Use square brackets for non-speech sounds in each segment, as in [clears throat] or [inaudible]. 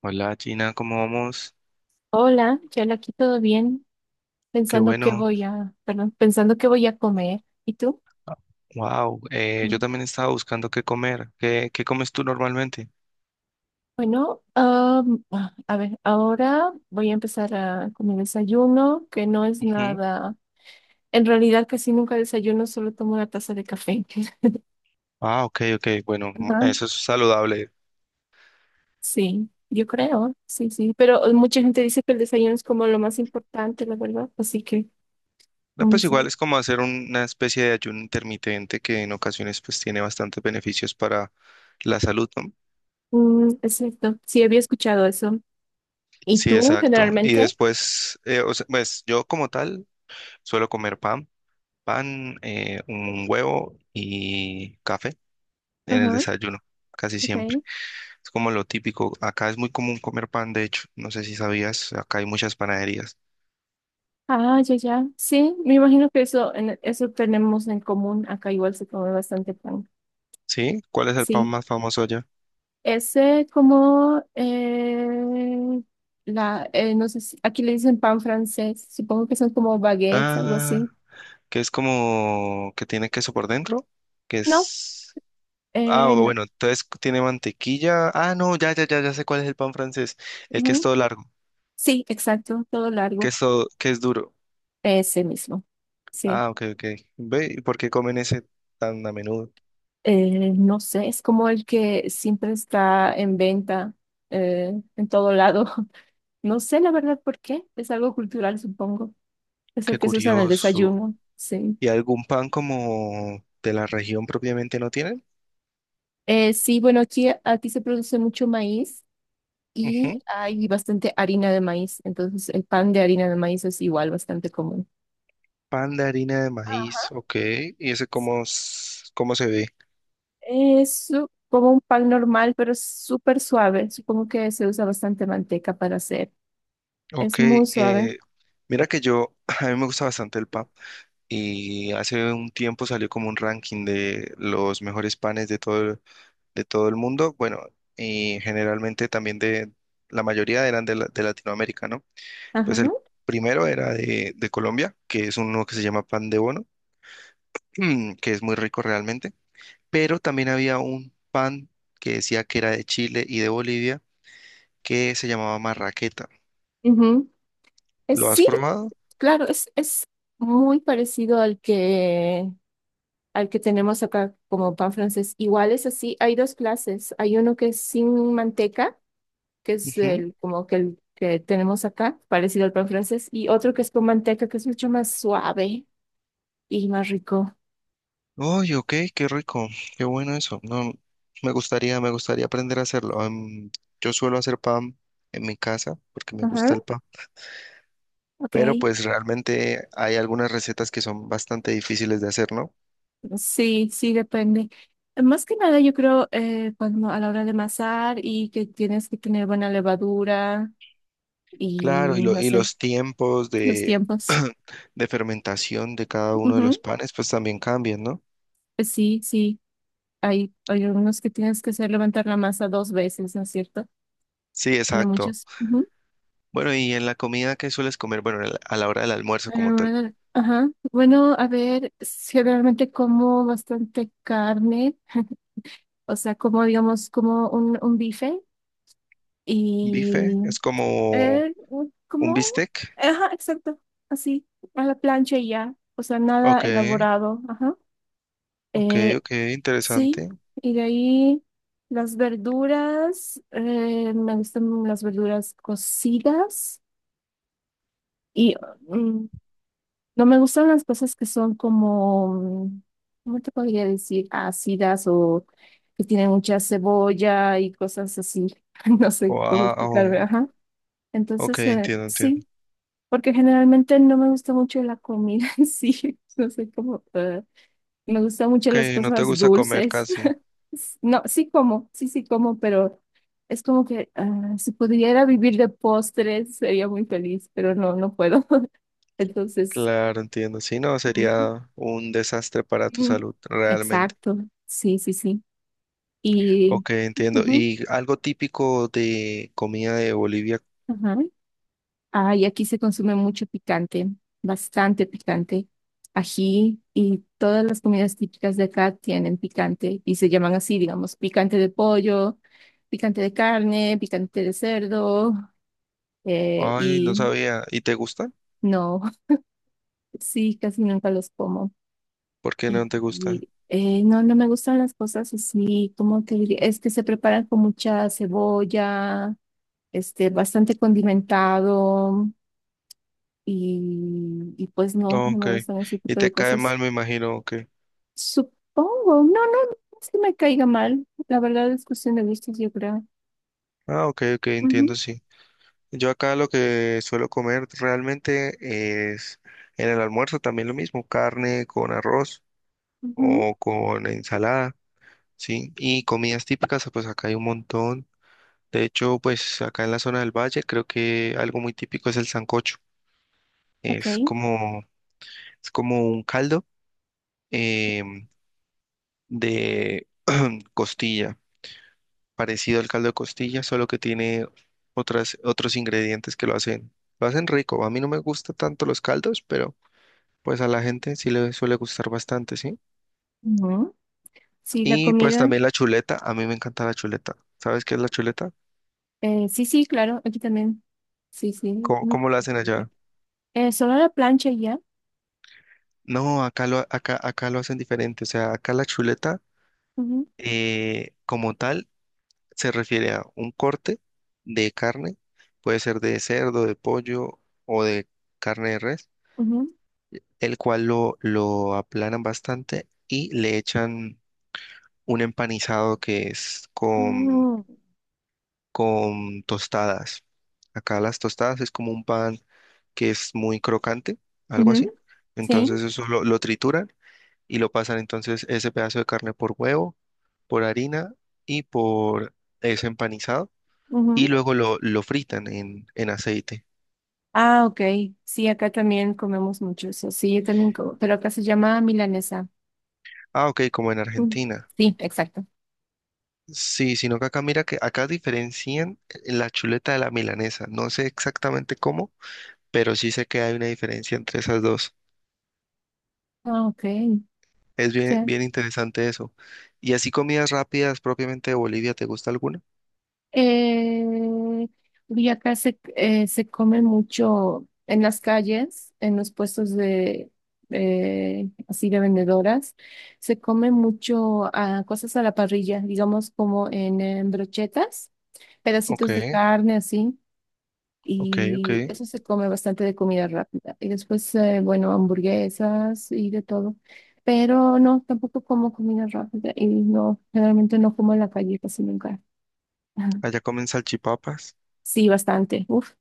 Hola Gina, ¿cómo vamos? Hola, ya aquí todo bien, Qué pensando que bueno. voy a, perdón, pensando que voy a comer. ¿Y tú? Wow, yo Mm. también estaba buscando qué comer. ¿Qué comes tú normalmente? Bueno, a ver, ahora voy a empezar a, con mi desayuno, que no es Ujú. nada, en realidad casi nunca desayuno, solo tomo una taza de café. [laughs] Ah, ok, ok. Bueno, Ajá, eso es saludable. sí, yo creo, sí, sí, pero mucha gente dice que el desayuno es como lo más importante, la verdad, así que No, no pues sé. igual es como hacer una especie de ayuno intermitente que en ocasiones pues tiene bastantes beneficios para la salud, ¿no? Es cierto, sí, había escuchado eso. ¿Y Sí, tú exacto. Y generalmente? después, o sea, pues yo como tal suelo comer pan, pan, un huevo y café en el Ajá, desayuno, casi ok. siempre. Es como lo típico. Acá es muy común comer pan, de hecho. No sé si sabías, acá hay muchas panaderías. Ah, ya, ya. Sí, me imagino que eso, eso tenemos en común. Acá igual se come bastante pan. ¿Sí? ¿Cuál es el pan Sí. más famoso allá? Ese como la, no sé si aquí le dicen pan francés. Supongo que son como baguettes, algo Ah, así. que es como que tiene queso por dentro, que No, es... Ah, o no. bueno, entonces tiene mantequilla. Ah, no, ya, ya, ya, ya sé cuál es el pan francés. El que es Ujú. todo largo, Sí, exacto, todo que largo. es todo, que es duro. Ese mismo. Sí. Ah, ok, ok. Ve, ¿y por qué comen ese tan a menudo? No sé, es como el que siempre está en venta en todo lado. [laughs] No sé la verdad por qué. Es algo cultural, supongo. Es el Qué que se usa en el curioso. desayuno, sí. ¿Y algún pan como de la región propiamente no tienen? Sí, bueno, aquí, aquí se produce mucho maíz y Ujú. hay bastante harina de maíz, entonces el pan de harina de maíz es igual bastante común. Pan de harina de Ajá, maíz, ok. ¿Y ese sí. Cómo se ve? Como un pan normal, pero es súper suave. Supongo que se usa bastante manteca para hacer. Ok, Es muy suave. eh, mira que yo, [laughs] a mí me gusta bastante el pan y hace un tiempo salió como un ranking de los mejores panes de todo, de todo el mundo, bueno, y generalmente también de, la mayoría eran de Latinoamérica, ¿no? Pues Ajá. el primero era de Colombia, que es uno que se llama pan de bono, [clears throat] que es muy rico realmente, pero también había un pan que decía que era de Chile y de Bolivia que se llamaba marraqueta. Ujú. Es, ¿Lo has sí, probado? claro, es muy parecido al que tenemos acá como pan francés. Igual es así, hay dos clases. Hay uno que es sin manteca, que es Ujú. el como que el que tenemos acá, parecido al pan francés, y otro que es con manteca, que es mucho más suave y más rico. Oye, ok, qué rico, qué bueno eso. No, me gustaría aprender a hacerlo. Am, yo suelo hacer pan en mi casa porque me Ajá, gusta el pan, ok. pero pues realmente hay algunas recetas que son bastante difíciles de hacer, ¿no? Sí, sí, depende. Más que nada, yo creo, cuando a la hora de amasar y que tienes que tener buena levadura y Claro, no y sé, los tiempos los de, tiempos. [clears throat] de fermentación de cada uno de los Ujú, panes pues también cambian, ¿no? pues sí, sí. Hay algunos que tienes que hacer levantar la masa dos veces, ¿no es cierto? Sí, En exacto. muchos. Ujú. Bueno, y en la comida que sueles comer, bueno, en a la hora del almuerzo como tal, Ajá. Bueno, a ver, generalmente como bastante carne, o sea, como digamos, como un bife bife y es como eh, ¿Un como, bistec? ajá, exacto, así, a la plancha y ya, o sea, nada Ok, elaborado, ajá. ok, Eh, ok, sí, interesante. y de ahí las verduras, me gustan las verduras cocidas. Y mm, no me gustan las cosas que son como, mm, ¿cómo te podría decir? Ácidas o que tienen mucha cebolla y cosas así. [laughs] No sé cómo explicarme. Wow, Ajá. ok, Entonces, entiendo, entiendo. sí, porque generalmente no me gusta mucho la comida [laughs] en sí. No sé cómo. Me gustan mucho las Ok, no te cosas gusta comer dulces. casi. [laughs] No, sí como, sí, sí como, pero es como que ah, si pudiera vivir de postres sería muy feliz, pero no, no puedo. [laughs] Entonces. Claro, entiendo. Si no, Ujú. sería un desastre para tu Mm, salud, realmente. Exacto, sí, sí, sí. Y, Ok, entiendo. Ujú, ¿Y algo típico de comida de Bolivia? ajá. Ah, y aquí se consume mucho picante, bastante picante. Ají y todas las comidas típicas de acá tienen picante y se llaman así, digamos, picante de pollo, picante de carne, picante de cerdo. Ay, no Y sabía. ¿Y te gusta? no, [laughs] sí, casi nunca los como. ¿Por qué Y, no te gusta? No, no me gustan las cosas así, como te diría, es que se preparan con mucha cebolla este, bastante condimentado y pues no, no Ok. me gustan ese Y tipo te de cae cosas. mal, me imagino. Ok. Supongo, no, no, no es que me caiga mal, la verdad es cuestión de gustos, yo creo. Ah, ok, ok, Ujú, entiendo, sí. Yo acá lo que suelo comer realmente es en el almuerzo también lo mismo, carne con arroz ujú, o con ensalada, ¿sí? Y comidas típicas, pues acá hay un montón. De hecho, pues acá en la zona del valle creo que algo muy típico es el sancocho. ok, Es como, es como un caldo em, de [clears throat] costilla, parecido al caldo de costilla, solo que tiene otros ingredientes que lo hacen rico. A mí no me gustan tanto los caldos, pero... Pues a la gente sí le suele gustar bastante, ¿sí? ujú. Sí, la Y pues comida, también la chuleta, a mí me encanta la chuleta. ¿Sabes qué es la chuleta? Sí, sí, claro, aquí también, sí, sí. ¿Cómo, Ujú. cómo la hacen allá? Solo la plancha y ya. No, acá lo hacen diferente. O sea, acá la chuleta Ujú, como tal se refiere a un corte de carne, puede ser de cerdo, de pollo o de carne de res, ujú, el cual lo aplanan bastante y le echan un empanizado que es ujú, con tostadas. Acá las tostadas es como un pan que es muy crocante, algo ujú, así. sí. Entonces eso lo trituran y lo pasan entonces ese pedazo de carne por huevo, por harina y por ese empanizado. Y Ujú. luego lo fritan en aceite. Ah, ok. Sí, acá también comemos mucho eso. Sí, yo también como, pero acá se llama milanesa. Ah, ok, como en Mm, Argentina. Sí, exacto. Sí, sino que acá mira que acá diferencian la chuleta de la milanesa. No sé exactamente cómo, pero sí sé que hay una diferencia entre esas dos. Ah, ok, Es bien, ya. bien interesante eso. ¿Y así comidas rápidas propiamente de Bolivia, te gusta alguna? Eh, y acá se, se come mucho en las calles, en los puestos de así de vendedoras, se come mucho cosas a la parrilla, digamos como en, brochetas, Ok, pedacitos de carne así. ok, ok. Y eso se come bastante de comida rápida. Y después, bueno, hamburguesas y de todo. Pero no, tampoco como comida rápida y no, generalmente no como en la calle casi nunca. [laughs] Ajá. Allá comen salchipapas, Sí, bastante, uf,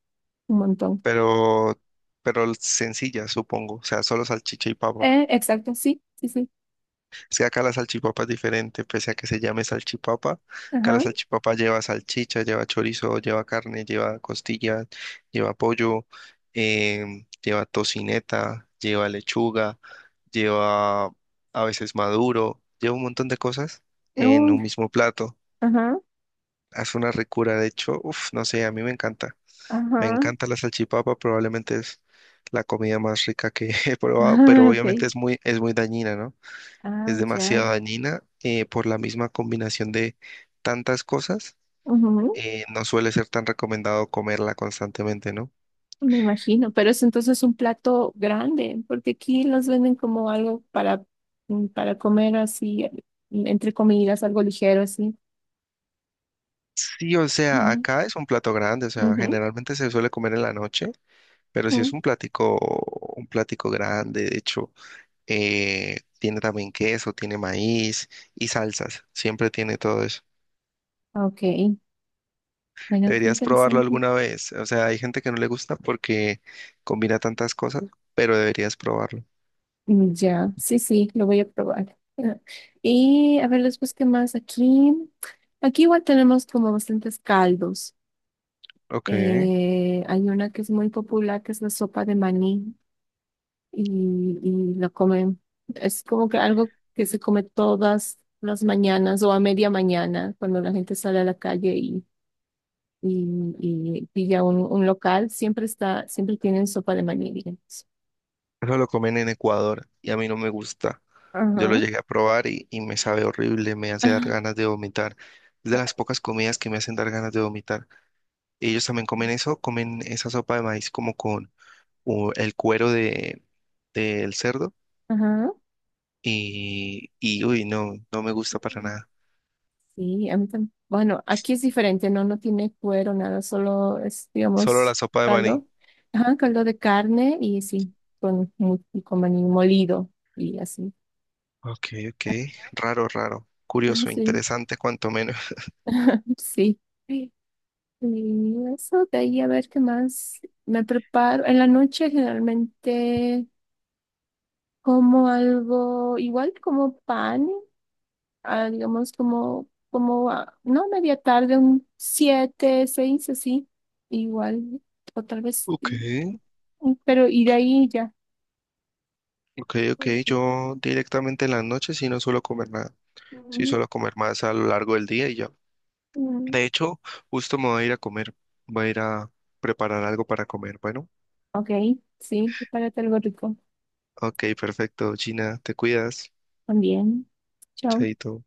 un montón. pero, pero sencillas, supongo. O sea, solo salchicha y papa. Exacto, sí, sí, sí. Es que acá la salchipapa es diferente, pese a que se llame salchipapa. Acá la Ajá, salchipapa lleva salchicha, lleva chorizo, lleva carne, lleva costilla, lleva pollo, lleva tocineta, lleva lechuga, lleva a veces maduro, lleva un montón de cosas en Uh, un mismo plato. ajá, Es una ricura, de hecho, uf, no sé, a mí me encanta. Me ajá. encanta [laughs] la salchipapa, probablemente es la comida más rica que [laughs] he probado, pero Ah, obviamente ok, es muy dañina, ¿no? ah, Es ya. demasiado dañina por la misma combinación de tantas cosas. Ujú. No suele ser tan recomendado comerla constantemente, ¿no? Me imagino, pero es entonces un plato grande, porque aquí los venden como algo para, para comer así, entre comidas, algo ligero así. Sí, o sea, Ujú, acá es un plato grande, o sea, ujú, generalmente se suele comer en la noche, pero si es ujú. Un platico grande, de hecho, tiene también queso, tiene maíz y salsas, siempre tiene todo eso. Ok, bueno, qué Deberías probarlo interesante. alguna vez, o sea, hay gente que no le gusta porque combina tantas cosas, pero deberías probarlo. Ya, sí, sí, lo voy a probar. Ah, y a ver después qué más aquí. Aquí igual tenemos como bastantes caldos. Ok. Hay una que es muy popular, que es la sopa de maní. Y lo comen. Es como que algo que se come todas las mañanas o a media mañana cuando la gente sale a la calle y, y pilla un local, siempre está, siempre tienen sopa de maní, digamos. Eso lo comen en Ecuador y a mí no me gusta. Yo lo Ajá. llegué a probar y me sabe horrible, me hace dar ganas [laughs] de vomitar. Es de las pocas comidas que me hacen dar ganas de vomitar. Ellos también comen eso, comen esa sopa de maíz como con el cuero de, del cerdo Ajá. Y uy, no, no me gusta para nada. Sí, a mí también. Bueno, aquí es diferente, no, no tiene cuero, nada, solo es, Solo la digamos, sopa de maní. caldo. Ajá, caldo de carne y sí, con, mu- con maní molido y así. [laughs] Ok, ok, raro, raro. Ah, Curioso, sí, interesante, cuanto menos. [laughs] sí. Y eso, de ahí a ver qué más me preparo. En la noche generalmente como algo, igual como pan, digamos como, no media tarde, un siete, seis, así, igual, o tal vez, Ok, pero y de ahí ya. ok, ok. Yo directamente en las noches sí no suelo comer nada. Sí, Mm, solo comer más a lo largo del día y ya. mm, De hecho, justo me voy a ir a comer. Voy a ir a preparar algo para comer. Bueno, Ok, sí, prepárate algo rico ok, perfecto. Gina, te cuidas. también. Chao. Chaito.